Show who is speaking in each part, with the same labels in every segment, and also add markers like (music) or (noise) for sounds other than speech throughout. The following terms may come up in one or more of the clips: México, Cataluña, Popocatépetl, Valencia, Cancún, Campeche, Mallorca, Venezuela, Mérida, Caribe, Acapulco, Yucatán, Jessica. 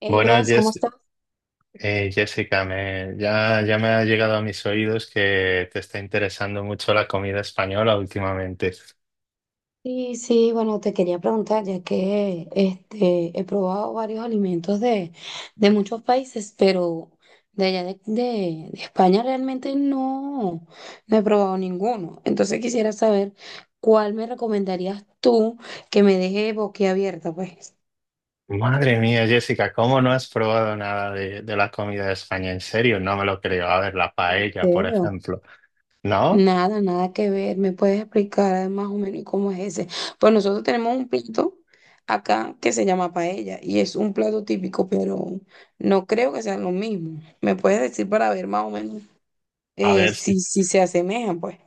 Speaker 1: Hey
Speaker 2: Bueno,
Speaker 1: Bras, ¿cómo estás?
Speaker 2: Jessica, ya me ha llegado a mis oídos que te está interesando mucho la comida española últimamente.
Speaker 1: Sí, sí, bueno, te quería preguntar, ya que he probado varios alimentos de muchos países, pero de allá de España realmente no he probado ninguno. Entonces quisiera saber cuál me recomendarías tú que me deje boquiabierta, pues.
Speaker 2: Madre mía, Jessica, ¿cómo no has probado nada de la comida de España? En serio, no me lo creo. A ver, la
Speaker 1: ¿En
Speaker 2: paella, por
Speaker 1: serio?
Speaker 2: ejemplo. ¿No?
Speaker 1: Nada, nada que ver. ¿Me puedes explicar más o menos cómo es ese? Pues nosotros tenemos un plato acá que se llama paella y es un plato típico, pero no creo que sean lo mismo. ¿Me puedes decir para ver más o menos
Speaker 2: A ver, si-
Speaker 1: si se asemejan, pues?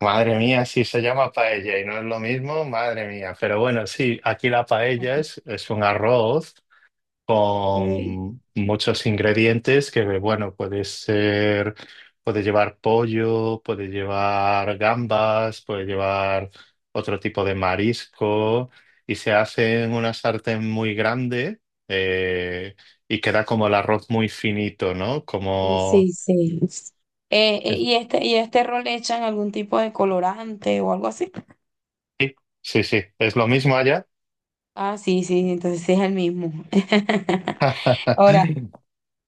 Speaker 2: Madre mía, si se llama paella y no es lo mismo, madre mía. Pero bueno, sí, aquí la paella es un arroz
Speaker 1: Ok.
Speaker 2: con muchos ingredientes que, bueno, puede ser, puede llevar pollo, puede llevar gambas, puede llevar otro tipo de marisco y se hace en una sartén muy grande, eh, y queda como el arroz muy finito, ¿no?
Speaker 1: Sí, sí, sí.
Speaker 2: Es-
Speaker 1: ¿Y este rol le echan algún tipo de colorante o algo así?
Speaker 2: Sí, sí, sí, es lo mismo allá.
Speaker 1: Ah, sí, sí, entonces sí es el mismo. (laughs) Ahora,
Speaker 2: (laughs)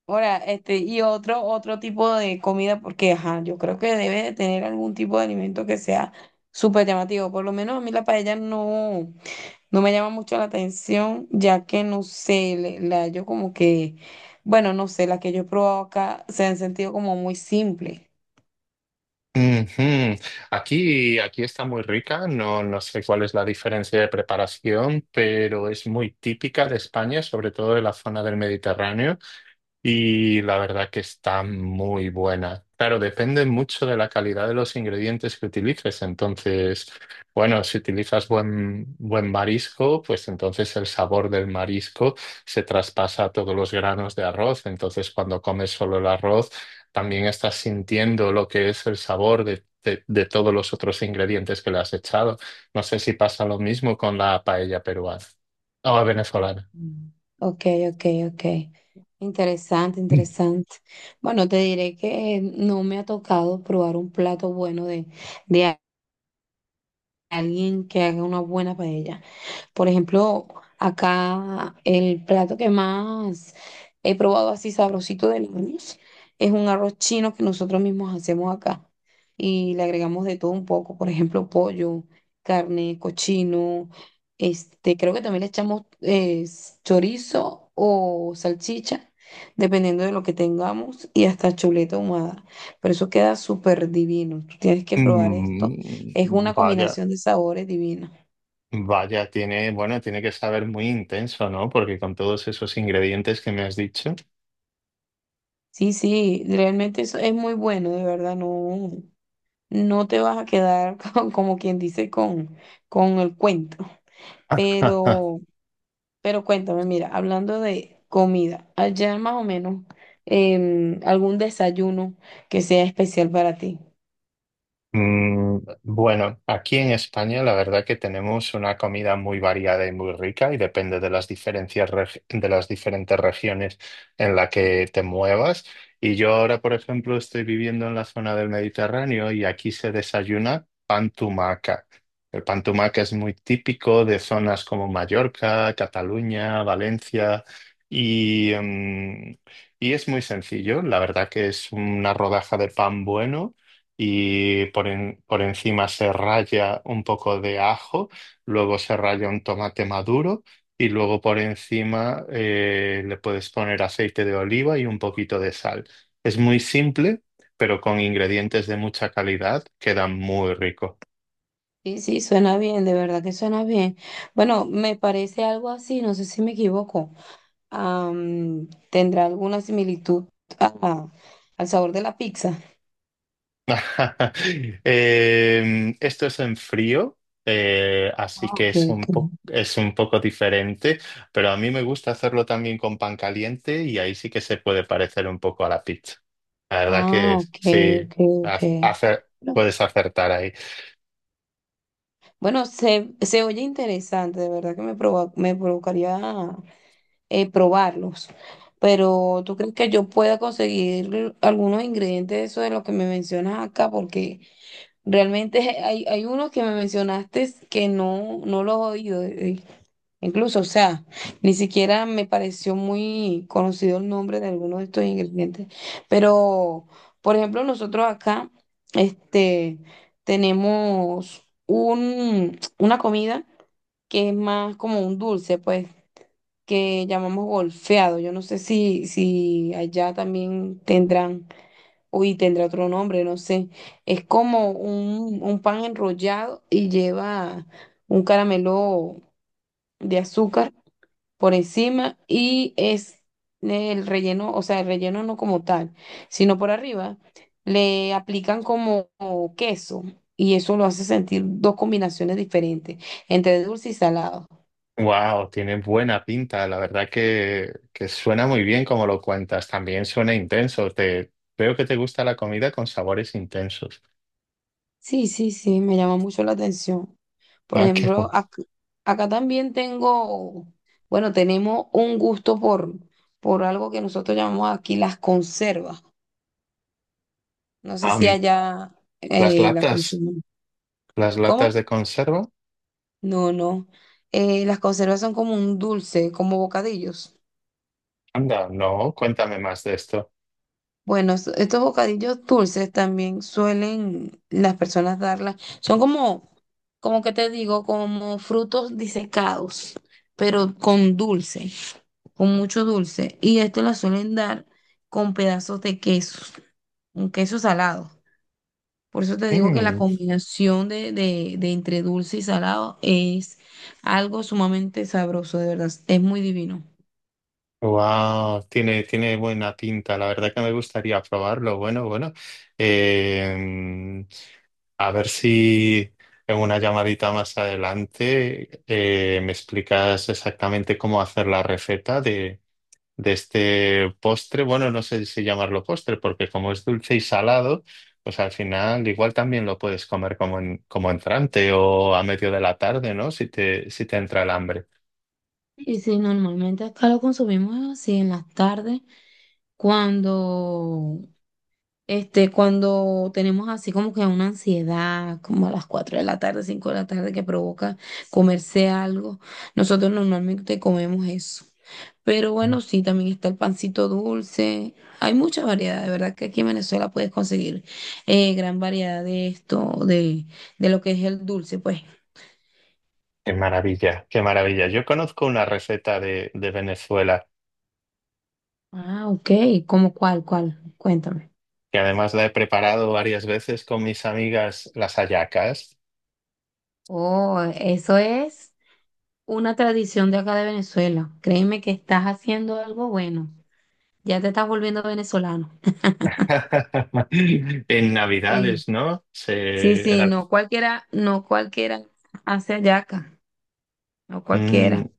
Speaker 1: ahora, y otro tipo de comida, porque ajá, yo creo que debe de tener algún tipo de alimento que sea súper llamativo. Por lo menos a mí la paella no me llama mucho la atención, ya que no sé, le- la yo como que, bueno, no sé, las que yo he probado acá se han sentido como muy simple.
Speaker 2: Ujú. Aquí está muy rica, no, no sé cuál es la diferencia de preparación, pero es muy típica de España, sobre todo de la zona del Mediterráneo. Y la verdad que está muy buena. Claro, depende mucho de la calidad de los ingredientes que utilices. Entonces, bueno, si utilizas buen marisco, pues entonces el sabor del marisco se traspasa a todos los granos de arroz. Entonces, cuando comes solo el arroz, también estás sintiendo lo que es el sabor de todos los otros ingredientes que le has echado. No sé si pasa lo mismo con la paella peruana o venezolana.
Speaker 1: Mm. Ok, ok, ok. Interesante, interesante. Bueno, te diré que no me ha tocado probar un plato bueno de alguien que haga una buena paella. Por ejemplo, acá el plato que más he probado así sabrosito del año es un arroz chino que nosotros mismos hacemos acá y le agregamos de todo un poco, por ejemplo, pollo, carne, cochino, creo que también le echamos chorizo o salchicha, dependiendo de lo que tengamos y hasta chuleta ahumada, pero eso queda súper divino. Tú tienes que probar esto, es
Speaker 2: Mm,
Speaker 1: una
Speaker 2: vaya.
Speaker 1: combinación de sabores divina.
Speaker 2: Vaya, tiene, bueno, tiene que saber muy intenso, ¿no? Porque con todos esos ingredientes que me has dicho.
Speaker 1: Sí, sí, realmente eso es muy bueno, de verdad, no te vas a quedar (laughs) como quien dice con el cuento.
Speaker 2: (laughs)
Speaker 1: Pero, pero cuéntame, mira, hablando de comida, allá más o menos, algún desayuno que sea especial para ti.
Speaker 2: Mm, bueno, aquí en España la verdad que tenemos una comida muy variada y muy rica y depende de las diferencias de las diferentes regiones en la que te muevas. Y yo ahora, por ejemplo, estoy viviendo en la zona del Mediterráneo y aquí se desayuna pan tumaca. El pan tumaca es muy típico de zonas como Mallorca, Cataluña, Valencia y, mm, y es muy sencillo. La verdad que es una rodaja de pan bueno y por encima se raya un poco de ajo, luego se raya un tomate maduro y luego por encima, le puedes poner aceite de oliva y un poquito de sal. Es muy simple, pero con ingredientes de mucha calidad queda muy rico.
Speaker 1: Sí, sí, suena bien, de verdad que suena bien. Bueno, me parece algo así, no sé si me equivoco. ¿Tendrá alguna similitud a- al sabor de la pizza?
Speaker 2: (laughs) Esto es en frío, así
Speaker 1: Ah,
Speaker 2: que
Speaker 1: ok,
Speaker 2: es
Speaker 1: ok.
Speaker 2: es un poco diferente, pero a mí me gusta hacerlo también con pan caliente y ahí sí que se puede parecer un poco a la pizza. La verdad
Speaker 1: Ah,
Speaker 2: que
Speaker 1: ok,
Speaker 2: sí,
Speaker 1: ok,
Speaker 2: ha-
Speaker 1: ok.
Speaker 2: hace-
Speaker 1: No.
Speaker 2: puedes acertar ahí.
Speaker 1: Bueno, se oye interesante, de verdad que me provocaría probarlos, pero ¿tú crees que yo pueda conseguir algunos ingredientes de eso de lo que me mencionas acá? Porque realmente (laughs) hay unos que me mencionaste que no los he oído. Incluso, o sea, ni siquiera me pareció muy conocido el nombre de algunos de estos ingredientes. Pero, por ejemplo, nosotros acá, este, tenemos una comida que es más como un dulce, pues, que llamamos golfeado. Yo no sé si allá también tendrán, uy, tendrá otro nombre, no sé. Es como un pan enrollado y lleva un caramelo de azúcar por encima y es el relleno, o sea, el relleno no como tal, sino por arriba, le aplican como queso y eso lo hace sentir dos combinaciones diferentes entre dulce y salado.
Speaker 2: Wow, tiene buena pinta, la verdad que suena muy bien como lo cuentas, también suena intenso, te, veo que te gusta la comida con sabores intensos.
Speaker 1: Sí, sí, sí, me llama mucho la atención. Por
Speaker 2: Ah, qué bueno.
Speaker 1: ejemplo, acá, también tengo, bueno, tenemos un gusto por algo que nosotros llamamos aquí las conservas. No sé si
Speaker 2: Am,
Speaker 1: allá
Speaker 2: las
Speaker 1: la
Speaker 2: latas.
Speaker 1: consumen.
Speaker 2: ¿Las
Speaker 1: ¿Cómo?
Speaker 2: latas de conserva?
Speaker 1: No, no. Las conservas son como un dulce, como bocadillos.
Speaker 2: Anda, no, cuéntame más de esto.
Speaker 1: Bueno, estos bocadillos dulces también suelen las personas darlas. Son como, como que te digo, como frutos disecados, pero con dulce, con mucho dulce. Y esto las suelen dar con pedazos de queso, un queso salado. Por eso te digo que la
Speaker 2: Mm,
Speaker 1: combinación de entre dulce y salado es algo sumamente sabroso, de verdad. Es muy divino.
Speaker 2: wow, tiene, tiene buena pinta. La verdad que me gustaría probarlo. Bueno, bueno. Eh, a ver si en una llamadita más adelante me explicas exactamente cómo hacer la receta de este postre. Bueno, no sé si llamarlo postre, porque como es dulce y salado, pues al final igual también lo puedes comer como entrante o a medio de la tarde, ¿no? Si si te entra el hambre.
Speaker 1: Y si normalmente acá lo consumimos así en las tardes, cuando, cuando tenemos así como que una ansiedad, como a las 4 de la tarde, 5 de la tarde, que provoca comerse algo, nosotros normalmente comemos eso. Pero bueno, sí, también está el pancito dulce. Hay mucha variedad, de verdad que aquí en Venezuela puedes conseguir gran variedad de esto, de lo que es el dulce, pues.
Speaker 2: Qué maravilla, qué maravilla. Yo conozco una receta de Venezuela
Speaker 1: Ah, ok, ¿cómo cuál, cuál? Cuéntame.
Speaker 2: que además la he preparado varias veces con mis amigas las hallacas.
Speaker 1: Oh, eso es una tradición de acá de Venezuela. Créeme que estás haciendo algo bueno. Ya te estás volviendo venezolano.
Speaker 2: (laughs) En
Speaker 1: Sí,
Speaker 2: Navidades, ¿no?
Speaker 1: sí, sí, no cualquiera, no cualquiera hace hallaca, no cualquiera.
Speaker 2: Mm,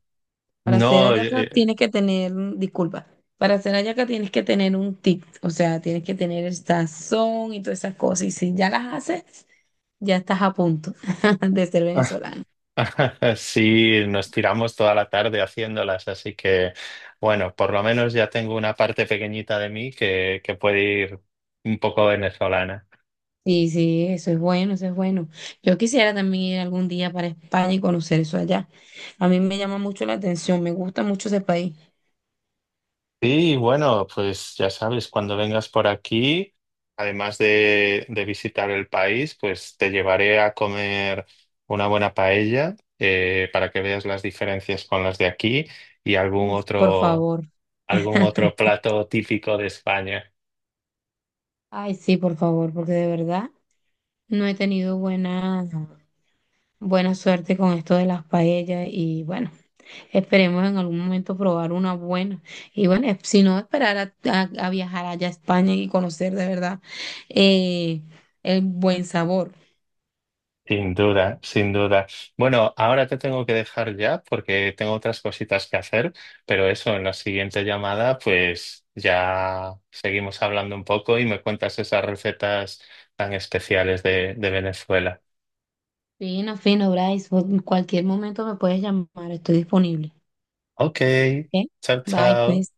Speaker 1: Para hacer
Speaker 2: no,
Speaker 1: hallaca tienes que tener, disculpa, para hacer hallaca tienes que tener un tip, o sea, tienes que tener el sazón y todas esas cosas. Y si ya las haces, ya estás a punto (laughs) de ser
Speaker 2: (laughs)
Speaker 1: venezolano.
Speaker 2: (laughs) sí, nos tiramos toda la tarde haciéndolas, así que bueno, por lo menos ya tengo una parte pequeñita de mí que puede ir un poco venezolana.
Speaker 1: Sí, sí, eso es bueno, eso es bueno. Yo quisiera también ir algún día para España y conocer eso allá. A mí me llama mucho la atención, me gusta mucho ese país.
Speaker 2: Sí, bueno, pues ya sabes, cuando vengas por aquí, además de visitar el país, pues te llevaré a comer una buena paella, para que veas las diferencias con las de aquí y
Speaker 1: Uf, por favor.
Speaker 2: algún otro
Speaker 1: (laughs)
Speaker 2: plato típico de España.
Speaker 1: Ay, sí, por favor, porque de verdad no he tenido buena, buena suerte con esto de las paellas y bueno, esperemos en algún momento probar una buena. Y bueno, si no, esperar a viajar allá a España y conocer de verdad eh, el buen sabor.
Speaker 2: Sin duda, sin duda. Bueno, ahora te tengo que dejar ya porque tengo otras cositas que hacer, pero eso, en la siguiente llamada, pues ya seguimos hablando un poco y me cuentas esas recetas tan especiales de Venezuela.
Speaker 1: Fino, fino, Bryce. En cualquier momento me puedes llamar, estoy disponible.
Speaker 2: Ok,
Speaker 1: ¿Ok?
Speaker 2: chao,
Speaker 1: Bye,
Speaker 2: chao.
Speaker 1: pues.